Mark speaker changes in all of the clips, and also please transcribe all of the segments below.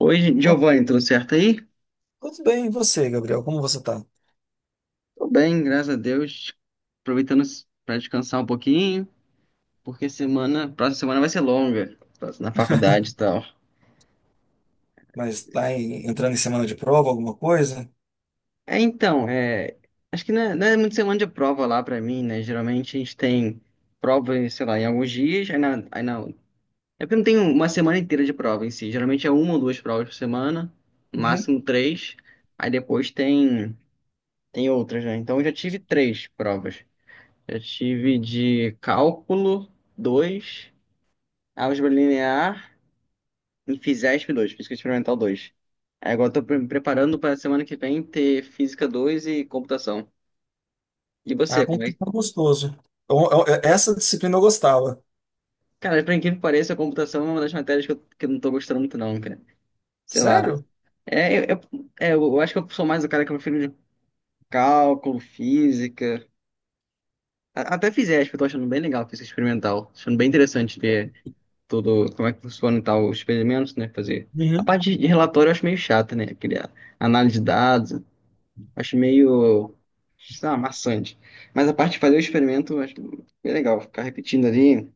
Speaker 1: Oi, Giovanni,
Speaker 2: Noite.
Speaker 1: tudo certo aí?
Speaker 2: Tudo bem, e você, Gabriel? Como você tá?
Speaker 1: Tô bem, graças a Deus. Aproveitando para descansar um pouquinho, porque próxima semana vai ser longa, tô na faculdade e tal.
Speaker 2: Mas tá entrando em semana de prova, alguma coisa?
Speaker 1: É, então, é, acho que não é muito semana de prova lá pra mim, né? Geralmente a gente tem prova, sei lá, em alguns dias, é porque não tem uma semana inteira de prova em si. Geralmente é uma ou duas provas por semana, no
Speaker 2: Uhum.
Speaker 1: máximo três, aí depois tem, tem outras, né? Então eu já tive três provas. Eu tive de cálculo dois, álgebra linear e Fisesp dois, física experimental dois. Aí agora eu tô me preparando para semana que vem ter física dois e computação. E
Speaker 2: Ah,
Speaker 1: você, como
Speaker 2: como
Speaker 1: é
Speaker 2: que tá gostoso. Essa disciplina eu gostava.
Speaker 1: Cara, por incrível que pareça, a computação é uma das matérias que eu não tô gostando muito não, cara. Sei lá.
Speaker 2: Sério?
Speaker 1: É, eu, eu acho que eu sou mais o cara que eu prefiro de cálculo, física. Até Fisesp, eu tô achando bem legal, física experimental. Achando bem interessante ver todo como é que funciona e tal, os experimentos, né? Fazer. A
Speaker 2: Uhum.
Speaker 1: parte de relatório eu acho meio chata, né? Criar análise de dados, acho meio, sei lá, maçante. Mas a parte de fazer o experimento, eu acho bem legal, ficar repetindo ali,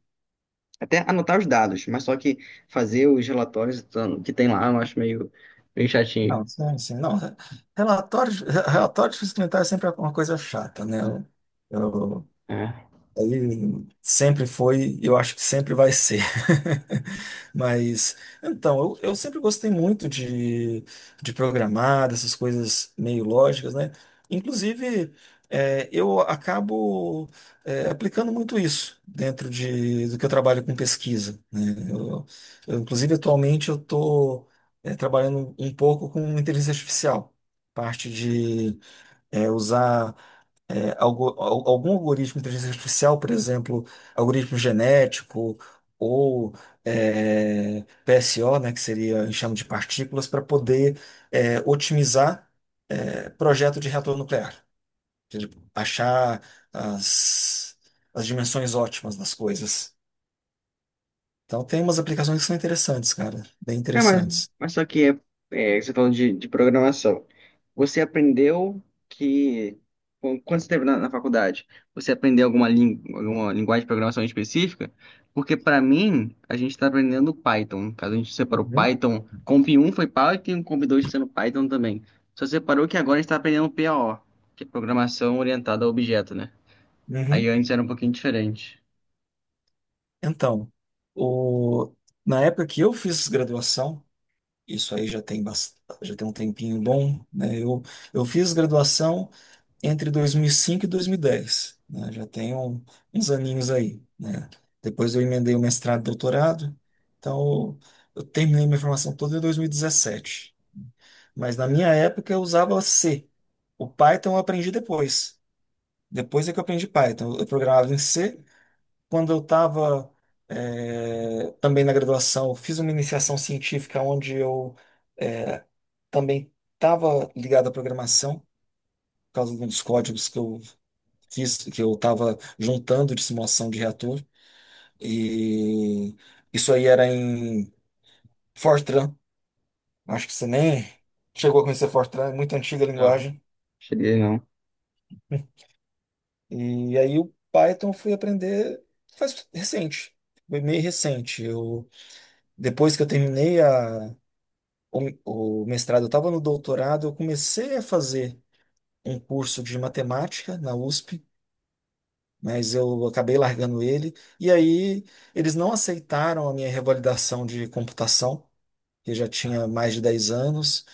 Speaker 1: até anotar os dados, mas só que fazer os relatórios então, que tem lá, eu acho meio, meio chatinho.
Speaker 2: Não, sim, sim, não. Relatório, relatório de fiscalização é sempre uma coisa chata, né? Eu,
Speaker 1: É.
Speaker 2: aí sempre foi, e eu acho que sempre vai ser. Mas, então, eu sempre gostei muito de programar, dessas coisas meio lógicas, né? Inclusive, eu acabo, aplicando muito isso dentro de, do que eu trabalho com pesquisa, né? Eu, eu, inclusive, atualmente, eu estou trabalhando um pouco com inteligência artificial, parte de, usar algum algoritmo de inteligência artificial, por exemplo, algoritmo genético ou PSO, né, que seria enxame de partículas, para poder otimizar projeto de reator nuclear. Ou seja, achar as, as dimensões ótimas das coisas. Então, tem umas aplicações que são interessantes, cara, bem
Speaker 1: Cara,
Speaker 2: interessantes.
Speaker 1: mas só que é, é, você falando de programação, você aprendeu que quando você esteve na, na faculdade, você aprendeu alguma, alguma linguagem de programação específica? Porque para mim, a gente está aprendendo Python. No caso, a gente separou
Speaker 2: Uhum.
Speaker 1: Python, Comp um foi Python, Comp 2 está sendo Python também. Só separou que agora a gente está aprendendo PAO, que é Programação Orientada a Objeto, né?
Speaker 2: Uhum.
Speaker 1: Aí antes era um pouquinho diferente.
Speaker 2: Então, o- na época que eu fiz graduação, isso aí já tem já tem um tempinho bom, né? Eu fiz graduação entre 2005 e 2010, né? Já tenho uns aninhos aí, né? Depois eu emendei o mestrado e doutorado, então eu terminei minha formação toda em 2017. Mas na minha época eu usava C. O Python eu aprendi depois. Depois é que eu aprendi Python. Eu programava em C. Quando eu estava também na graduação, eu fiz uma iniciação científica onde eu eh, também estava ligado à programação, por causa de uns códigos que eu fiz, que eu estava juntando de simulação de reator. E isso aí era em Fortran. Acho que você nem chegou a conhecer Fortran, é muito antiga a
Speaker 1: Não,
Speaker 2: linguagem.
Speaker 1: cheguei não.
Speaker 2: E aí o Python eu fui aprender faz recente, foi meio recente. Eu, depois que eu terminei o mestrado, eu estava no doutorado, eu comecei a fazer um curso de matemática na USP, mas eu acabei largando ele. E aí eles não aceitaram a minha revalidação de computação, que eu já tinha mais de 10 anos,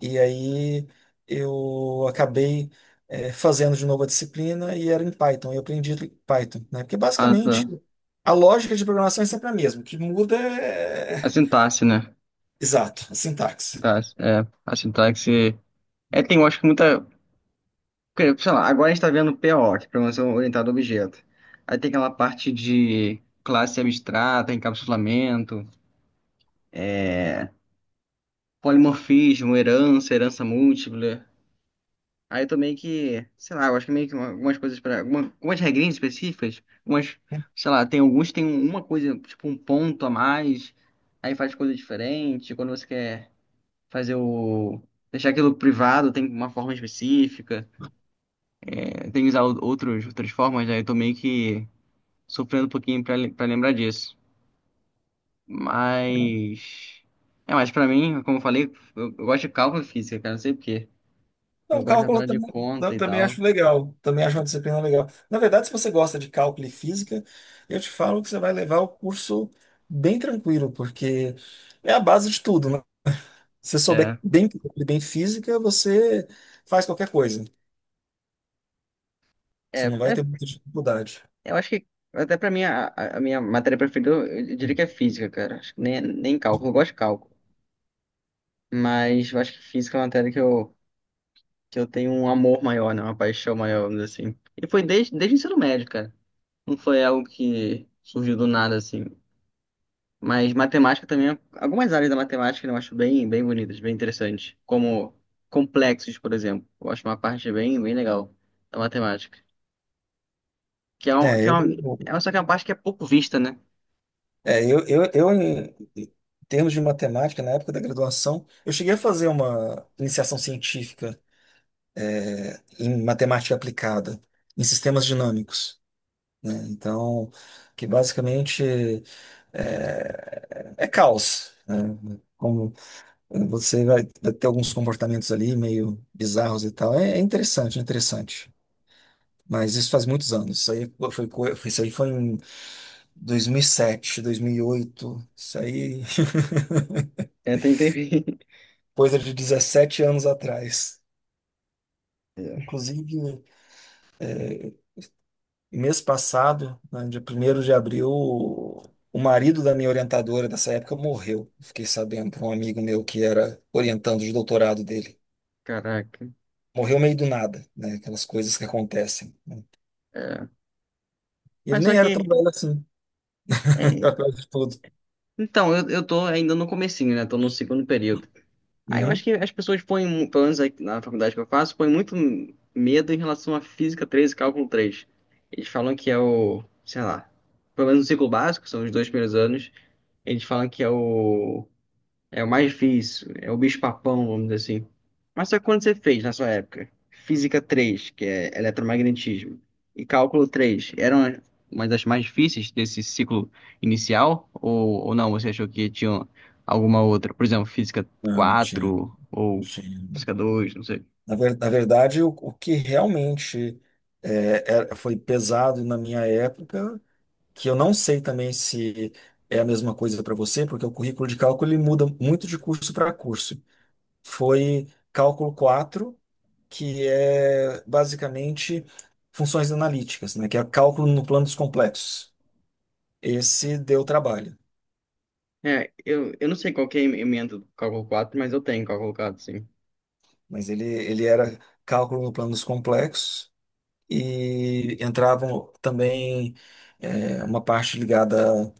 Speaker 2: e aí eu acabei fazendo de novo a disciplina e era em Python, eu aprendi Python, né? Porque
Speaker 1: Ah,
Speaker 2: basicamente
Speaker 1: tá.
Speaker 2: a lógica de programação é sempre a mesma, o que muda é... é,
Speaker 1: A
Speaker 2: é,
Speaker 1: sintaxe, né?
Speaker 2: Exato, a sintaxe.
Speaker 1: Tá, é, a sintaxe. É, tem, eu acho que muita. Porque, sei lá, agora a gente tá vendo PO, que é Programação Orientada a Objeto. Aí tem aquela parte de classe abstrata, encapsulamento, polimorfismo, herança, herança múltipla. Aí também que, sei lá, eu acho que é meio que algumas coisas para algumas regrinhas específicas, algumas, sei lá, tem alguns que tem uma coisa, tipo um ponto a mais, aí faz coisa diferente. Quando você quer fazer o. Deixar aquilo privado, tem uma forma específica. É, tem que usar outras formas, aí eu tô meio que sofrendo um pouquinho pra lembrar disso. Mas. É, mas pra mim, como eu falei, eu gosto de cálculo e física, cara, não sei por quê. Eu
Speaker 2: Não,
Speaker 1: gosto da
Speaker 2: cálculo
Speaker 1: parada de conta
Speaker 2: eu
Speaker 1: e
Speaker 2: também
Speaker 1: tal.
Speaker 2: acho legal. Também acho uma disciplina legal. Na verdade, se você gosta de cálculo e física, eu te falo que você vai levar o curso bem tranquilo, porque é a base de tudo, né? Se você souber
Speaker 1: É.
Speaker 2: bem, cálculo e bem física, você faz qualquer coisa.
Speaker 1: É,
Speaker 2: Você não vai ter
Speaker 1: é,
Speaker 2: muita dificuldade.
Speaker 1: eu acho que até pra mim, a minha matéria preferida, eu diria que é física, cara. Acho que nem cálculo, eu gosto de cálculo. Mas eu acho que física é uma matéria que eu tenho um amor maior, né? Uma paixão maior, vamos dizer assim. E foi desde o ensino médio, cara. Não foi algo que surgiu do nada, assim. Mas matemática também, é algumas áreas da matemática né, eu acho bem, bem bonitas, bem interessantes, como complexos, por exemplo. Eu acho uma parte bem, bem legal da matemática, que é um, que
Speaker 2: É,
Speaker 1: é um,
Speaker 2: eu,
Speaker 1: é só que é uma parte que é pouco vista, né?
Speaker 2: eu, em termos de matemática, na época da graduação, eu cheguei a fazer uma iniciação científica em matemática aplicada, em sistemas dinâmicos, né? Então, que basicamente é, é caos, né? Como você vai ter alguns comportamentos ali meio bizarros e tal. É, é interessante, é interessante. Mas isso faz muitos anos. Isso aí foi, isso aí foi em 2007, 2008. Isso aí
Speaker 1: É, tem, tem...
Speaker 2: coisa de 17 anos atrás.
Speaker 1: É.
Speaker 2: Inclusive, mês passado, né, dia 1 de abril, o marido da minha orientadora dessa época morreu. Fiquei sabendo por um amigo meu que era orientando de doutorado dele.
Speaker 1: Caraca,
Speaker 2: Morreu meio do nada, né? Aquelas coisas que acontecem.
Speaker 1: é.
Speaker 2: E ele
Speaker 1: Mas só
Speaker 2: nem era tão
Speaker 1: que,
Speaker 2: velho assim,
Speaker 1: é,
Speaker 2: apesar de tudo.
Speaker 1: então, eu tô ainda no comecinho, né? Tô no segundo período. Ah, eu acho
Speaker 2: Uhum.
Speaker 1: que as pessoas põem, pelo menos aqui na faculdade que eu faço, põem muito medo em relação à física 3 e cálculo 3. Eles falam que é o, sei lá, pelo menos no ciclo básico, são os dois primeiros anos, eles falam que é o é o mais difícil, é o bicho-papão, vamos dizer assim. Mas só que quando você fez na sua época? Física 3, que é eletromagnetismo, e cálculo três eram uma das mais difíceis desse ciclo inicial? Ou não, você achou que tinha alguma outra? Por exemplo, física
Speaker 2: Não, tinha,
Speaker 1: 4 ou
Speaker 2: tinha.
Speaker 1: física 2? Não sei.
Speaker 2: Na na verdade, o que realmente foi pesado na minha época, que eu não sei também se é a mesma coisa para você, porque o currículo de cálculo ele muda muito de curso para curso. Foi cálculo quatro, que é basicamente funções analíticas, né? Que é cálculo no plano dos complexos. Esse deu trabalho,
Speaker 1: É, eu não sei qual que é a emenda do cálculo 4, mas eu tenho cálculo 4, sim.
Speaker 2: mas ele era cálculo no plano dos complexos e entravam também uma parte ligada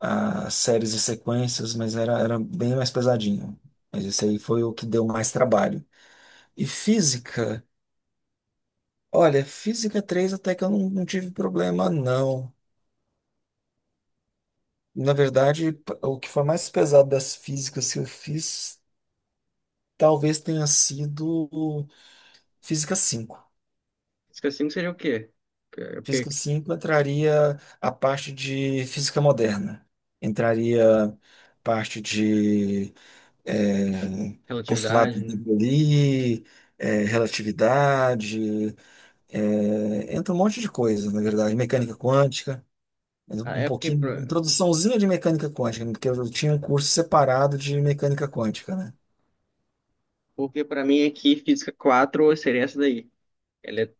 Speaker 2: a séries e sequências, mas era bem mais pesadinho. Mas esse aí foi o que deu mais trabalho. E física, olha, física 3 até que eu não, não tive problema, não. Na verdade, o que foi mais pesado das físicas que eu fiz talvez tenha sido o física cinco.
Speaker 1: Física 5 seria o quê? Que-
Speaker 2: Física
Speaker 1: que-
Speaker 2: 5 entraria a parte de física moderna, entraria parte de é, postulado
Speaker 1: Relatividade,
Speaker 2: de
Speaker 1: né?
Speaker 2: Bernoulli, relatividade, entra um monte de coisa, na verdade,
Speaker 1: É,
Speaker 2: mecânica quântica, mas
Speaker 1: ah,
Speaker 2: um
Speaker 1: é porque...
Speaker 2: pouquinho, introduçãozinha de mecânica quântica, né, porque eu tinha um curso separado de mecânica quântica, né?
Speaker 1: Porque pra mim aqui, física 4 seria essa daí. Ela é,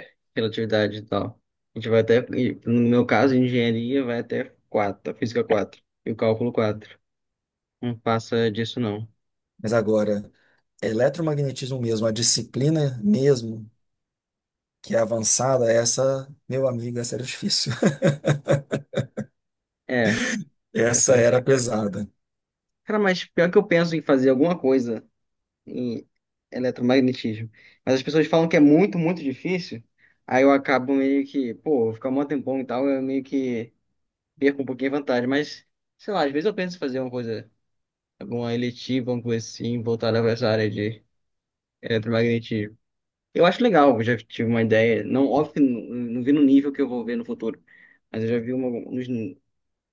Speaker 1: é, relatividade e tal. A gente vai até, e no meu caso, engenharia vai até quatro, a física 4 e o cálculo quatro. Não passa disso, não.
Speaker 2: Mas agora, eletromagnetismo mesmo, a disciplina mesmo, que é avançada, essa, meu amigo, essa era difícil.
Speaker 1: É, é essa
Speaker 2: Essa
Speaker 1: aí.
Speaker 2: era pesada.
Speaker 1: Cara, mas pior que eu penso em fazer alguma coisa em eletromagnetismo. Mas as pessoas falam que é muito, muito difícil. Aí eu acabo meio que, pô, vou ficar um tempão e tal, eu meio que perco um pouquinho a vantagem. Mas, sei lá, às vezes eu penso em fazer uma coisa, alguma eletiva, alguma coisa assim, voltada para essa área de eletromagnetismo. Eu acho legal, eu já tive uma ideia, não, óbvio que não, não vi no nível que eu vou ver no futuro, mas eu já vi uma, uns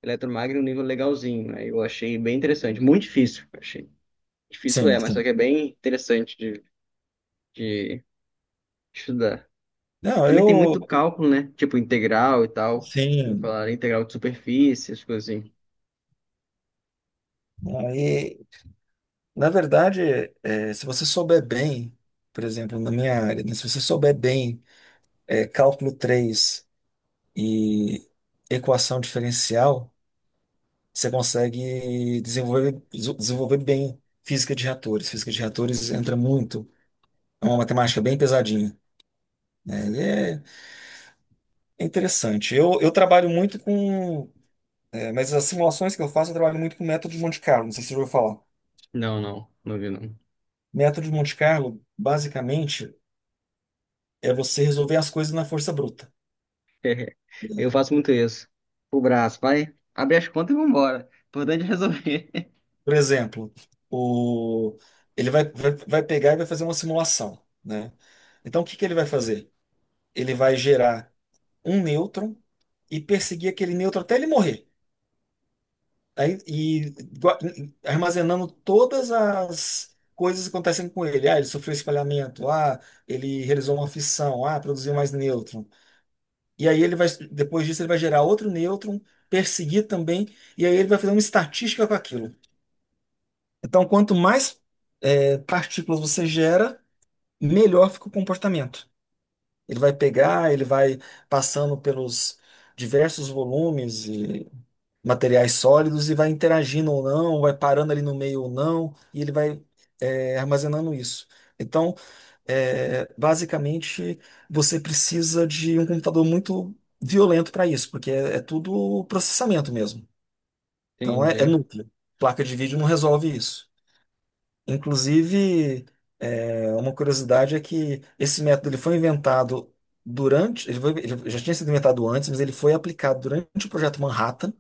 Speaker 1: eletromagno um nível legalzinho, aí eu achei bem interessante, muito difícil, eu achei. Difícil
Speaker 2: Sim,
Speaker 1: é, mas só
Speaker 2: sim.
Speaker 1: que é bem interessante de estudar.
Speaker 2: Não,
Speaker 1: Também tem
Speaker 2: eu,
Speaker 1: muito cálculo, né? Tipo integral e tal,
Speaker 2: sim.
Speaker 1: falar integral de superfície, as coisas assim.
Speaker 2: Na verdade, se você souber bem, por exemplo, na minha área, né, se você souber bem, cálculo 3 e equação diferencial, você consegue desenvolver bem física de reatores. Física de reatores entra muito, é uma matemática bem pesadinha, né? Ele É é interessante. Eu trabalho muito com, mas as simulações que eu faço, eu trabalho muito com método de Monte Carlo, não sei se você já ouviu falar.
Speaker 1: Não, não, não vi não.
Speaker 2: Método de Monte Carlo, basicamente, é você resolver as coisas na força bruta.
Speaker 1: Eu faço muito isso. O braço, vai, abre as contas e vambora. Importante é resolver.
Speaker 2: Por exemplo, o... ele vai pegar e vai fazer uma simulação, né? Então, o que que ele vai fazer? Ele vai gerar um nêutron e perseguir aquele nêutron até ele morrer. Aí, e gua- armazenando todas as coisas que acontecem com ele. Ah, ele sofreu espalhamento. Ah, ele realizou uma fissão. Ah, produziu mais nêutron. E aí depois disso, ele vai gerar outro nêutron, perseguir também, e aí ele vai fazer uma estatística com aquilo. Então, quanto mais partículas você gera, melhor fica o comportamento. Ele vai passando pelos diversos volumes e materiais sólidos e vai interagindo ou não, vai parando ali no meio ou não, e ele vai armazenando isso. Então, basicamente, você precisa de um computador muito violento para isso, porque é tudo processamento mesmo. Então, é
Speaker 1: Entendi.
Speaker 2: núcleo. Placa de vídeo não resolve isso. Inclusive, uma curiosidade é que esse método ele foi inventado durante, ele já tinha sido inventado antes, mas ele foi aplicado durante o projeto Manhattan,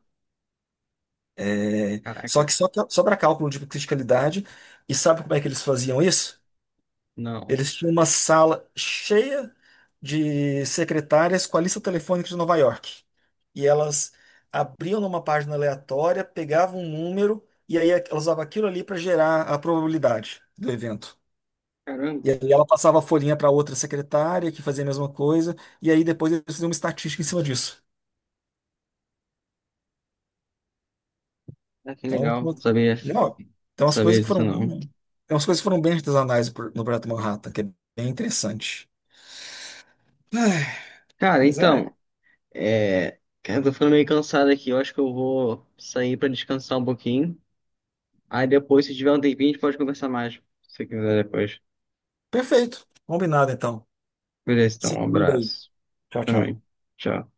Speaker 1: Caraca,
Speaker 2: só para cálculo de criticalidade. E sabe como é que eles faziam isso?
Speaker 1: não.
Speaker 2: Eles tinham uma sala cheia de secretárias com a lista telefônica de Nova York. E elas abriam numa página aleatória, pegavam um número, e aí elas usavam aquilo ali para gerar a probabilidade do evento.
Speaker 1: Caramba,
Speaker 2: E aí ela passava a folhinha para outra secretária que fazia a mesma coisa, e aí depois eles faziam uma estatística em cima disso.
Speaker 1: ah, que
Speaker 2: Então,
Speaker 1: legal.
Speaker 2: uma-
Speaker 1: Sabia,
Speaker 2: não, então as coisas
Speaker 1: sabia
Speaker 2: foram,
Speaker 1: disso não.
Speaker 2: então as coisas foram bem artesanais no Projeto Manhattan, que é bem interessante. Ai,
Speaker 1: Cara,
Speaker 2: mas é,
Speaker 1: então, é. Cara, eu tô ficando meio cansado aqui. Eu acho que eu vou sair pra descansar um pouquinho. Aí depois, se tiver um tempinho, a gente pode conversar mais. Se você quiser depois.
Speaker 2: perfeito. Combinado então.
Speaker 1: Beleza, então,
Speaker 2: Se
Speaker 1: um
Speaker 2: cuida aí.
Speaker 1: abraço.
Speaker 2: Tchau,
Speaker 1: Também.
Speaker 2: tchau.
Speaker 1: Tchau.